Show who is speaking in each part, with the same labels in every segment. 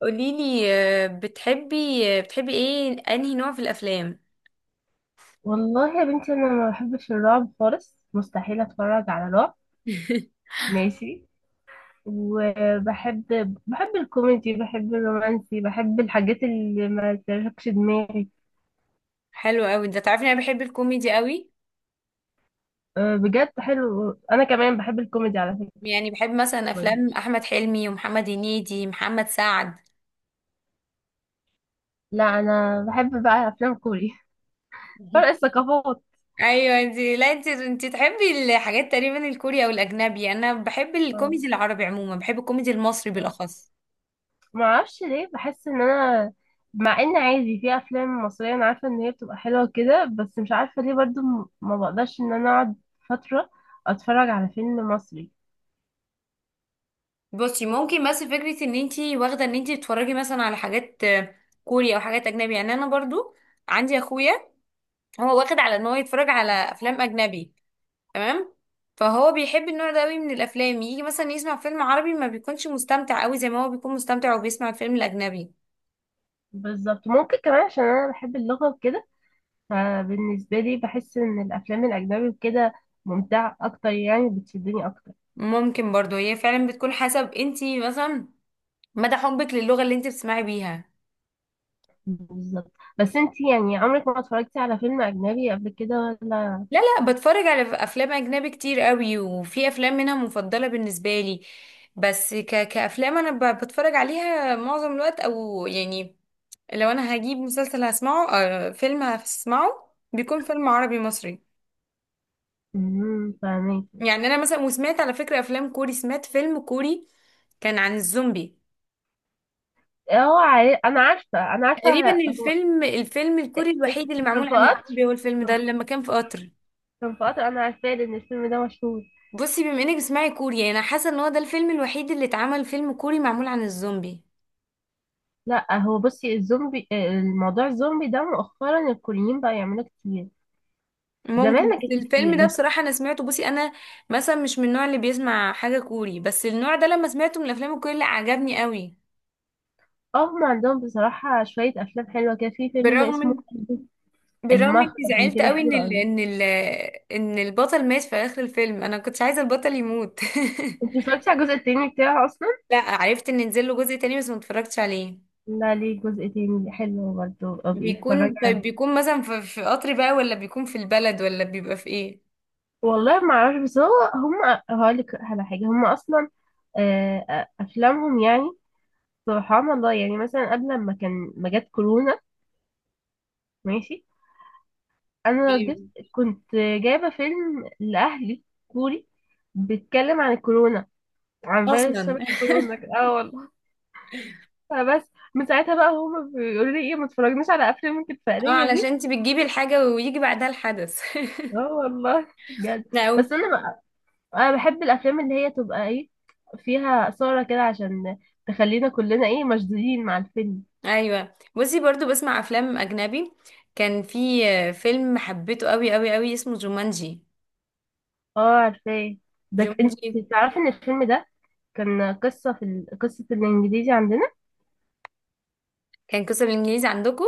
Speaker 1: قوليلي، بتحبي ايه انهي نوع في الافلام؟
Speaker 2: والله يا بنتي، انا ما بحبش الرعب خالص، مستحيل اتفرج على رعب. ماشي. وبحب بحب الكوميدي، بحب الرومانسي، بحب الحاجات اللي ما تشغلش دماغي.
Speaker 1: حلو قوي ده. تعرفي انا بحب الكوميدي قوي.
Speaker 2: أه، بجد حلو، انا كمان بحب الكوميدي على فكرة.
Speaker 1: يعني بحب مثلا
Speaker 2: برضه.
Speaker 1: افلام احمد حلمي ومحمد هنيدي محمد سعد.
Speaker 2: لا، انا بحب بقى افلام كوري. فرق الثقافات.
Speaker 1: ايوه. انت لا انت انت تحبي الحاجات تقريبا الكوري او الاجنبي. انا بحب
Speaker 2: أه.
Speaker 1: الكوميدي العربي عموما، بحب الكوميدي المصري
Speaker 2: آه.
Speaker 1: بالاخص.
Speaker 2: ما اعرفش ليه، بحس ان انا، مع ان عادي في افلام مصريه انا عارفه ان هي بتبقى حلوه كده، بس مش عارفه ليه برضو ما بقدرش ان انا اقعد فتره اتفرج على فيلم مصري.
Speaker 1: بصي، ممكن بس فكره ان انت واخده ان انت بتتفرجي مثلا على حاجات كوري او حاجات اجنبي. يعني انا برضو عندي اخويا هو واخد على ان هو يتفرج على افلام اجنبي. تمام. فهو بيحب النوع ده قوي من الافلام، يجي مثلا يسمع فيلم عربي ما بيكونش مستمتع قوي زي ما هو بيكون مستمتع وبيسمع الفيلم الاجنبي.
Speaker 2: بالظبط، ممكن كمان عشان انا بحب اللغه وكده. فبالنسبه لي بحس ان الافلام الاجنبي وكده ممتعه اكتر، يعني بتشدني اكتر.
Speaker 1: ممكن برضو هي فعلا بتكون حسب انتي مثلا مدى حبك للغة اللي انتي بتسمعي بيها.
Speaker 2: بالظبط. بس انتي يعني عمرك ما اتفرجتي على فيلم اجنبي قبل كده ولا؟
Speaker 1: لا، لا، بتفرج على افلام اجنبي كتير قوي، وفي افلام منها مفضلة بالنسبة لي. بس كافلام انا بتفرج عليها معظم الوقت، او يعني لو انا هجيب مسلسل هسمعه، فيلم هسمعه، بيكون فيلم عربي مصري.
Speaker 2: فاهمك.
Speaker 1: يعني انا مثلا وسمعت على فكرة افلام كوري، سمعت فيلم كوري كان عن الزومبي.
Speaker 2: هو عارف، انا عارفه انا
Speaker 1: تقريبا
Speaker 2: عارفه.
Speaker 1: الفيلم الكوري الوحيد اللي
Speaker 2: كان
Speaker 1: معمول
Speaker 2: في
Speaker 1: عن
Speaker 2: قطر.
Speaker 1: الزومبي هو الفيلم
Speaker 2: كان
Speaker 1: ده، لما كان في قطر.
Speaker 2: كان في قطر، انا عارفاه لان الفيلم ده مشهور.
Speaker 1: بصي، بما انك بتسمعي كوري، يعني انا حاسة ان هو ده الفيلم الوحيد اللي اتعمل فيلم كوري معمول عن الزومبي.
Speaker 2: لا، هو بصي الزومبي، الموضوع الزومبي ده مؤخرا الكوريين بقى يعملوه كتير. زمان
Speaker 1: ممكن،
Speaker 2: ما
Speaker 1: بس
Speaker 2: كانش
Speaker 1: الفيلم
Speaker 2: كتير
Speaker 1: ده
Speaker 2: بس.
Speaker 1: بصراحة انا سمعته. بصي انا مثلا مش من النوع اللي بيسمع حاجة كوري، بس النوع ده لما سمعته من الافلام الكوري لا، عجبني قوي.
Speaker 2: هم عندهم بصراحة شوية أفلام حلوة كده، في فيلم
Speaker 1: بالرغم
Speaker 2: اسمه،
Speaker 1: من، بالرغم اني
Speaker 2: المخرج
Speaker 1: زعلت
Speaker 2: كده
Speaker 1: قوي
Speaker 2: حلو
Speaker 1: ان
Speaker 2: أوي.
Speaker 1: ان البطل مات في اخر الفيلم. انا كنتش عايزه البطل يموت.
Speaker 2: انت اتفرجتي على الجزء التاني بتاعه أصلا؟
Speaker 1: لا، عرفت ان نزل له جزء تاني بس ما اتفرجتش عليه.
Speaker 2: لا، ليه جزء تاني حلو برضه أو بيتفرج
Speaker 1: بيكون طيب
Speaker 2: عليه؟
Speaker 1: بيكون مثلا في قطر بقى، ولا بيكون في البلد، ولا بيبقى في ايه؟
Speaker 2: والله ما أعرفش، بس هو هم هقولك على حاجة. هم أصلا أفلامهم يعني، سبحان الله، يعني مثلا قبل ما كان ما جت كورونا. ماشي. انا
Speaker 1: إيه؟
Speaker 2: جبت كنت جايبه فيلم لاهلي كوري، بيتكلم عن الكورونا، عن فيروس
Speaker 1: اصلا.
Speaker 2: شبه كورونا كده. اه والله. فبس من ساعتها بقى هما بيقولوا لي ايه، ما تتفرجناش على افلام انت
Speaker 1: اه،
Speaker 2: الفقريه دي.
Speaker 1: علشان انت بتجيبي الحاجه ويجي بعدها الحدث.
Speaker 2: اه والله، بجد.
Speaker 1: أو،
Speaker 2: بس انا بقى، انا بحب الافلام اللي هي تبقى ايه، فيها اثاره كده عشان تخلينا كلنا ايه مشدودين مع الفيلم.
Speaker 1: ايوه، بصي برضو بسمع افلام اجنبي. كان في فيلم حبيته قوي قوي قوي اسمه جومانجي.
Speaker 2: اه عارفاه. ده انت
Speaker 1: جومانجي
Speaker 2: تعرفي ان الفيلم ده كان قصة قصة الانجليزي عندنا.
Speaker 1: كان قصة بالانجليزي عندكم؟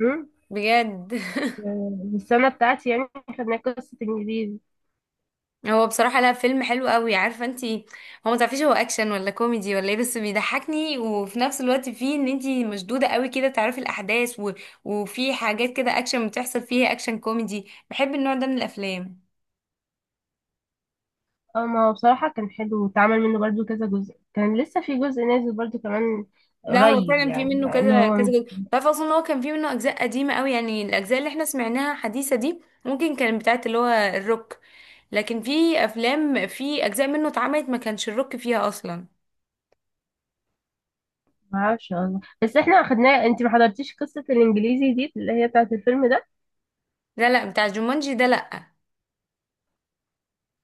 Speaker 2: امم
Speaker 1: بجد.
Speaker 2: في السنة بتاعتي يعني خدنا قصة انجليزي.
Speaker 1: هو بصراحة، لا، فيلم حلو قوي عارفة انتي. هو ما تعرفيش هو اكشن ولا كوميدي ولا ايه، بس بيضحكني وفي نفس الوقت فيه ان انتي مشدودة قوي كده، تعرفي الاحداث وفي حاجات كده اكشن بتحصل فيها، اكشن كوميدي، بحب النوع ده من الافلام.
Speaker 2: اه، ما هو بصراحة كان حلو، واتعمل منه برضو كذا جزء، كان لسه في جزء نازل برضو كمان
Speaker 1: لا هو
Speaker 2: قريب،
Speaker 1: فعلا في
Speaker 2: يعني
Speaker 1: منه
Speaker 2: مع ان
Speaker 1: كذا
Speaker 2: هو،
Speaker 1: كذا جزء. تعرف اصلا إن هو كان في منه اجزاء قديمة قوي؟ يعني الاجزاء اللي احنا سمعناها حديثة دي ممكن كانت بتاعت اللي هو الروك، لكن في افلام في اجزاء منه اتعملت ما كانش الروك فيها اصلا.
Speaker 2: معرفش والله، بس احنا خدناه. انت ما حضرتيش قصة الانجليزي دي اللي هي بتاعت الفيلم ده؟
Speaker 1: لا، لا، بتاع جومانجي ده، لا.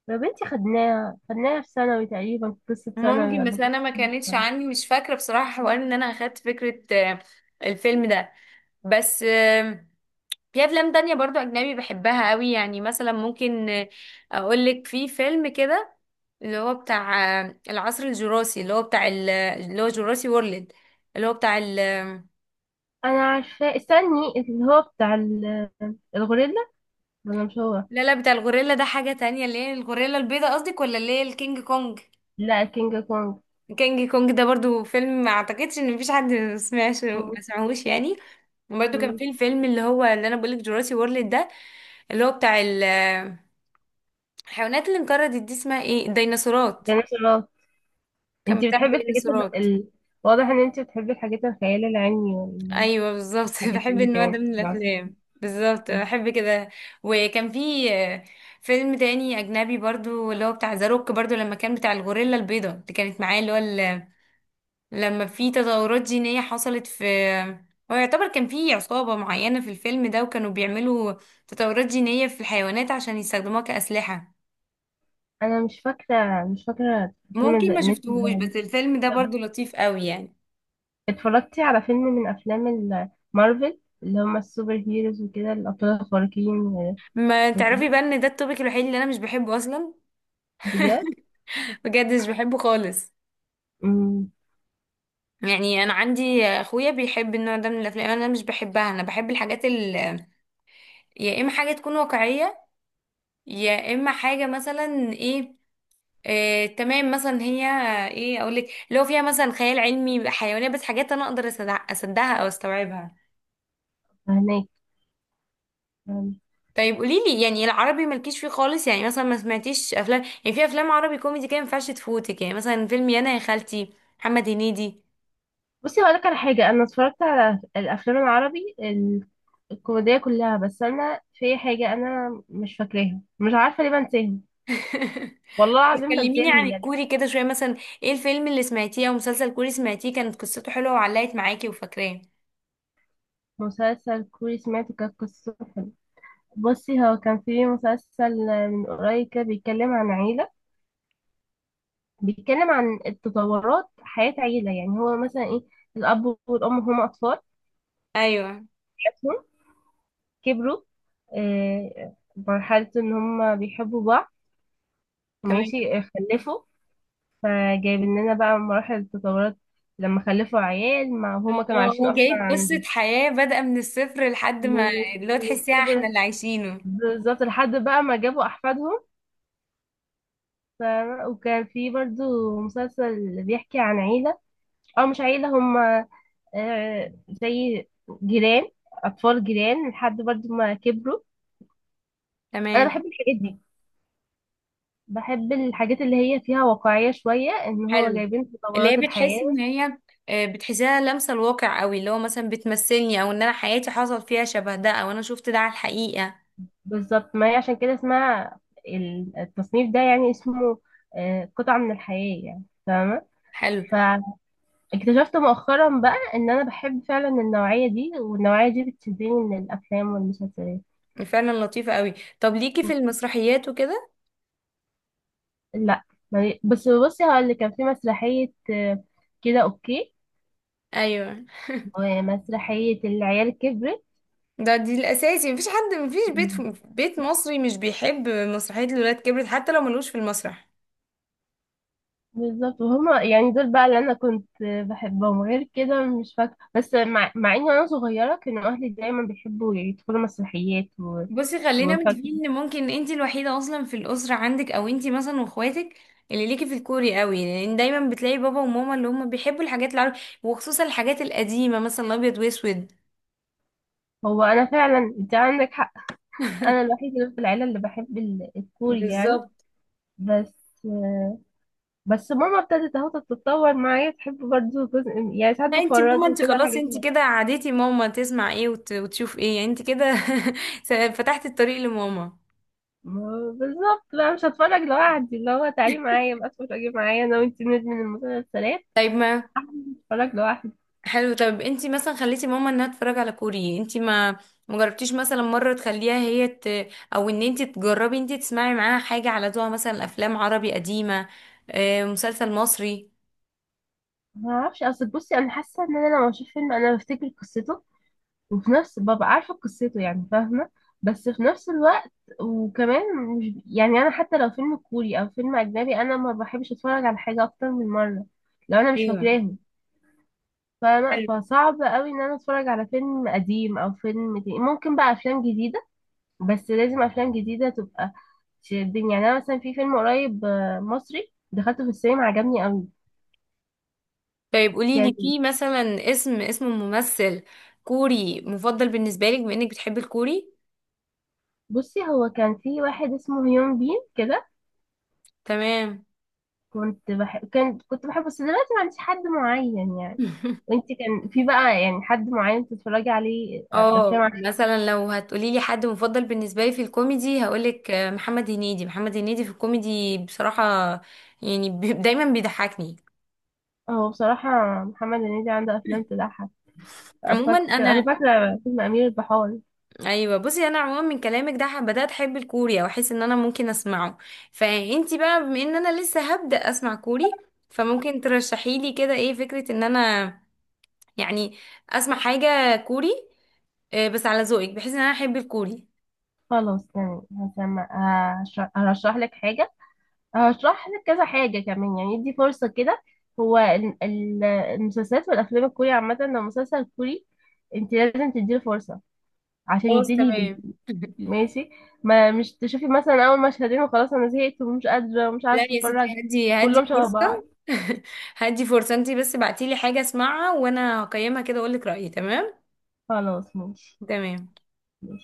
Speaker 2: يا بنتي خدناها خدناها في ثانوي تقريبا، قصة ثانوي
Speaker 1: ممكن،
Speaker 2: ولا
Speaker 1: بس
Speaker 2: قصة،
Speaker 1: انا ما
Speaker 2: مش
Speaker 1: كانتش
Speaker 2: فاهمة.
Speaker 1: عندي، مش فاكره بصراحه حوار ان انا اخدت فكره الفيلم ده. بس في افلام تانية برضو اجنبي بحبها قوي، يعني مثلا ممكن اقولك في فيلم كده اللي هو بتاع العصر الجراسي، اللي هو بتاع اللي هو جراسي وورلد، اللي هو بتاع
Speaker 2: انا عارفاه، استني، اللي هو بتاع الغوريلا. انا مش، هو،
Speaker 1: لا، لا، بتاع الغوريلا ده حاجه تانية. اللي هي الغوريلا البيضاء قصدك، ولا اللي هي الكينج كونج؟
Speaker 2: لا كينج كونج.
Speaker 1: الكينج كونج ده برضو فيلم، ما اعتقدش ان مفيش حد ما سمعش،
Speaker 2: مم.
Speaker 1: ما سمعهوش يعني. وبرده كان
Speaker 2: مم.
Speaker 1: في الفيلم اللي هو اللي انا بقولك جوراسي وورلد ده، اللي هو بتاع الحيوانات اللي انقرضت دي اسمها ايه، الديناصورات.
Speaker 2: ديناصورات.
Speaker 1: كان
Speaker 2: انت
Speaker 1: بتاع
Speaker 2: بتحبي الحاجات
Speaker 1: الديناصورات.
Speaker 2: واضح ان انت بتحبي الحاجات الخيال العلمي والحاجات
Speaker 1: ايوه بالظبط. بحب
Speaker 2: اللي
Speaker 1: النوع ده
Speaker 2: كانت
Speaker 1: من
Speaker 2: في العصر
Speaker 1: الافلام بالظبط،
Speaker 2: الفيلم.
Speaker 1: بحب كده. وكان في فيلم تاني اجنبي برضو اللي هو بتاع ذا روك، برضو لما كان بتاع الغوريلا البيضاء اللي كانت معاه، اللي هو لما في تطورات جينية حصلت في، هو يعتبر كان في عصابة معينة في الفيلم ده وكانوا بيعملوا تطورات جينية في الحيوانات عشان يستخدموها كأسلحة.
Speaker 2: انا مش فاكره الفيلم
Speaker 1: ممكن
Speaker 2: ده
Speaker 1: ما
Speaker 2: اللي انت
Speaker 1: شفتهوش،
Speaker 2: بتقولي.
Speaker 1: بس الفيلم ده
Speaker 2: طب،
Speaker 1: برضو لطيف قوي يعني.
Speaker 2: اتفرجتي على فيلم من افلام مارفل، اللي هم السوبر هيروز وكده، الابطال الخارقين
Speaker 1: ما تعرفي
Speaker 2: وكده؟
Speaker 1: بقى ان ده التوبيك الوحيد اللي انا مش بحبه اصلا.
Speaker 2: بجد.
Speaker 1: بجد مش بحبه خالص.
Speaker 2: امم
Speaker 1: يعني انا عندي اخويا بيحب النوع ده من الافلام، انا مش بحبها. انا بحب الحاجات يا اما حاجة تكون واقعية، يا اما حاجة مثلا ايه، تمام، مثلا هي ايه اقول لك، اللي هو فيها مثلا خيال علمي، حيوانات، بس حاجات انا اقدر اصدقها او استوعبها.
Speaker 2: فهناك.
Speaker 1: طيب قولي لي يعني، العربي مالكيش فيه خالص يعني؟ مثلا ما سمعتيش افلام يعني، في افلام عربي كوميدي كده ما ينفعش تفوتك، يعني مثلا فيلم يانا يا خالتي، محمد هنيدي.
Speaker 2: بصي هقولك على حاجة، أنا اتفرجت على الأفلام العربي الكوميدية كلها، بس أنا في حاجة، أنا مش فاكراها، مش عارفة ليه بنساهم. والله العظيم
Speaker 1: كلميني
Speaker 2: بنساهم
Speaker 1: عن
Speaker 2: بجد.
Speaker 1: الكوري كده شويه مثلا. ايه الفيلم اللي سمعتيه او مسلسل كوري سمعتيه كانت قصته حلوه وعلقت معاكي وفاكراه؟
Speaker 2: مسلسل كوري سمعته كانت قصته حلوة. بصي هو كان في مسلسل من قريب كده بيتكلم عن عيلة، بيتكلم عن التطورات حياة عيلة، يعني هو مثلا إيه، الأب والأم هما أطفال،
Speaker 1: ايوه.
Speaker 2: حياتهم، كبروا، مرحلة إن هما بيحبوا بعض.
Speaker 1: تمام.
Speaker 2: ماشي. خلفوا. فجايب لنا بقى مراحل التطورات، لما خلفوا عيال ما هما
Speaker 1: هو
Speaker 2: كانوا عايشين
Speaker 1: هو
Speaker 2: اصلا
Speaker 1: جايب قصه
Speaker 2: عندي،
Speaker 1: حياه بادئه من الصفر لحد
Speaker 2: من
Speaker 1: ما اللي هو
Speaker 2: من
Speaker 1: تحسيها احنا
Speaker 2: الصفر.
Speaker 1: اللي عايشينه.
Speaker 2: بالظبط لحد بقى ما جابوا احفادهم. ف... وكان في برضو مسلسل بيحكي عن عيلة، او مش عيلة، هما زي جيران، اطفال جيران لحد برضو ما كبروا. انا بحب
Speaker 1: تمام.
Speaker 2: الحاجات دي، بحب الحاجات اللي هي فيها واقعية شوية ان هو
Speaker 1: حلو.
Speaker 2: جايبين
Speaker 1: اللي هي
Speaker 2: تطورات
Speaker 1: بتحس
Speaker 2: الحياة.
Speaker 1: ان هي بتحسها لامسه الواقع قوي، اللي هو مثلا بتمثلني او ان انا حياتي حصل فيها شبه ده، او انا شفت ده على الحقيقه.
Speaker 2: بالظبط، ما هي عشان كده اسمها التصنيف ده يعني اسمه قطعة من الحياة، يعني فاهمة.
Speaker 1: حلو.
Speaker 2: فاكتشفت مؤخرا بقى ان انا بحب فعلا النوعية دي، والنوعية دي بتشدني من الافلام والمسلسلات.
Speaker 1: فعلا لطيفه قوي. طب ليكي في المسرحيات وكده؟
Speaker 2: لا، بس بصي هقول لك كان في مسرحية كده اوكي،
Speaker 1: ايوه.
Speaker 2: ومسرحية العيال كبرت.
Speaker 1: دي الاساسي، مفيش حد، مفيش بيت مصري مش بيحب مسرحيه الولاد كبرت حتى لو ملوش في المسرح.
Speaker 2: بالظبط، وهما يعني دول بقى اللي انا كنت بحبهم، غير كده مش فاكره، بس مع اني وانا صغيره كانوا اهلي دايما بيحبوا يدخلوا مسرحيات
Speaker 1: بصي خلينا
Speaker 2: وفاكره.
Speaker 1: متفقين ان ممكن انت الوحيده اصلا في الاسره عندك، او انت مثلا واخواتك اللي ليكي في الكوري قوي، لان دايما بتلاقي بابا وماما اللي هم بيحبوا الحاجات العربي وخصوصا الحاجات القديمه مثلا الابيض واسود.
Speaker 2: هو انا فعلا، انت عندك حق. انا الوحيده اللي في العيله اللي بحب الكوري يعني.
Speaker 1: بالظبط.
Speaker 2: بس بس ماما ابتدت اهو تتطور معايا، تحب برضه جزء، يعني ساعات
Speaker 1: لا، انت ماما
Speaker 2: بفرجها
Speaker 1: انت
Speaker 2: كده على
Speaker 1: خلاص،
Speaker 2: حاجات.
Speaker 1: انت كده عادتي ماما تسمع ايه وتشوف ايه، يعني انت كده فتحتي الطريق لماما.
Speaker 2: بالظبط بقى، مش هتفرج لوحدي، اللي هو تعالي معايا بقى اتفرجي معايا انا وانت ندمن المسلسلات.
Speaker 1: طيب ما
Speaker 2: هتفرج لوحدي.
Speaker 1: حلو. طب انتي مثلا خليتي ماما انها تتفرج على كوري، انتي ما مجربتيش مثلا مرة تخليها هي او ان انتي تجربي انتي تسمعي معاها حاجة على ذوقها، مثلا افلام عربي قديمة، مسلسل مصري.
Speaker 2: ما اعرفش، اصل بصي انا حاسه ان انا لما بشوف فيلم انا بفتكر قصته، وفي نفس ببقى عارفه قصته يعني، فاهمه، بس في نفس الوقت، وكمان، مش يعني انا حتى لو فيلم كوري او فيلم اجنبي، انا ما بحبش اتفرج على حاجه اكتر من مره لو انا مش
Speaker 1: ايوه
Speaker 2: فاكراهم، فاهمه.
Speaker 1: حلو.
Speaker 2: فصعب قوي ان انا اتفرج على فيلم قديم او فيلم جديد. ممكن بقى افلام جديده، بس لازم افلام جديده تبقى تشدني. يعني انا مثلا في فيلم قريب مصري دخلته في السينما عجبني قوي،
Speaker 1: طيب قولي
Speaker 2: كان.
Speaker 1: لي في مثلا اسم ممثل كوري مفضل بالنسبة لك، بما انك بتحبي الكوري.
Speaker 2: بصي هو كان في واحد اسمه هيون بين كده،
Speaker 1: تمام.
Speaker 2: كنت بحبه، بس دلوقتي ما عنديش حد معين يعني. وانت كان في بقى يعني حد معين تتفرجي عليه الافلام
Speaker 1: اه
Speaker 2: عشان.
Speaker 1: مثلا لو هتقولي لي حد مفضل بالنسبه لي في الكوميدي هقولك محمد هنيدي. محمد هنيدي في الكوميدي بصراحه يعني دايما بيضحكني.
Speaker 2: هو بصراحة محمد هنيدي عنده افلام تضحك.
Speaker 1: عموما
Speaker 2: انا
Speaker 1: انا،
Speaker 2: فاكرة فيلم امير البحار.
Speaker 1: ايوه، بصي انا عموما من كلامك ده بدات احب الكوري، او احس ان انا ممكن اسمعه. فانتي بقى بما ان انا لسه هبدا اسمع كوري، فممكن ترشحي لي كده ايه فكره ان انا يعني اسمع حاجه كوري، بس على ذوقك، بحيث ان انا احب الكوري.
Speaker 2: خلاص تمام هسمع. هرشح لك حاجة، هشرح لك كذا حاجة كمان، يعني ادي فرصة كده. هو المسلسلات والافلام الكوري عامة، لو مسلسل كوري انت لازم تديله فرصة عشان
Speaker 1: خلاص
Speaker 2: يبتدي يبان.
Speaker 1: تمام.
Speaker 2: ماشي. ما مش تشوفي مثلا اول مشهدين وخلاص انا زهقت ومش قادرة ومش
Speaker 1: لا
Speaker 2: عارفة
Speaker 1: يا ستي،
Speaker 2: اتفرج.
Speaker 1: هدي هدي
Speaker 2: كلهم شبه بعض.
Speaker 1: فرصة. هدي فرصة انتي، بس بعتيلي حاجة اسمعها وانا هقيمها كده واقولك رأيي. تمام.
Speaker 2: خلاص، ماشي.
Speaker 1: تمام.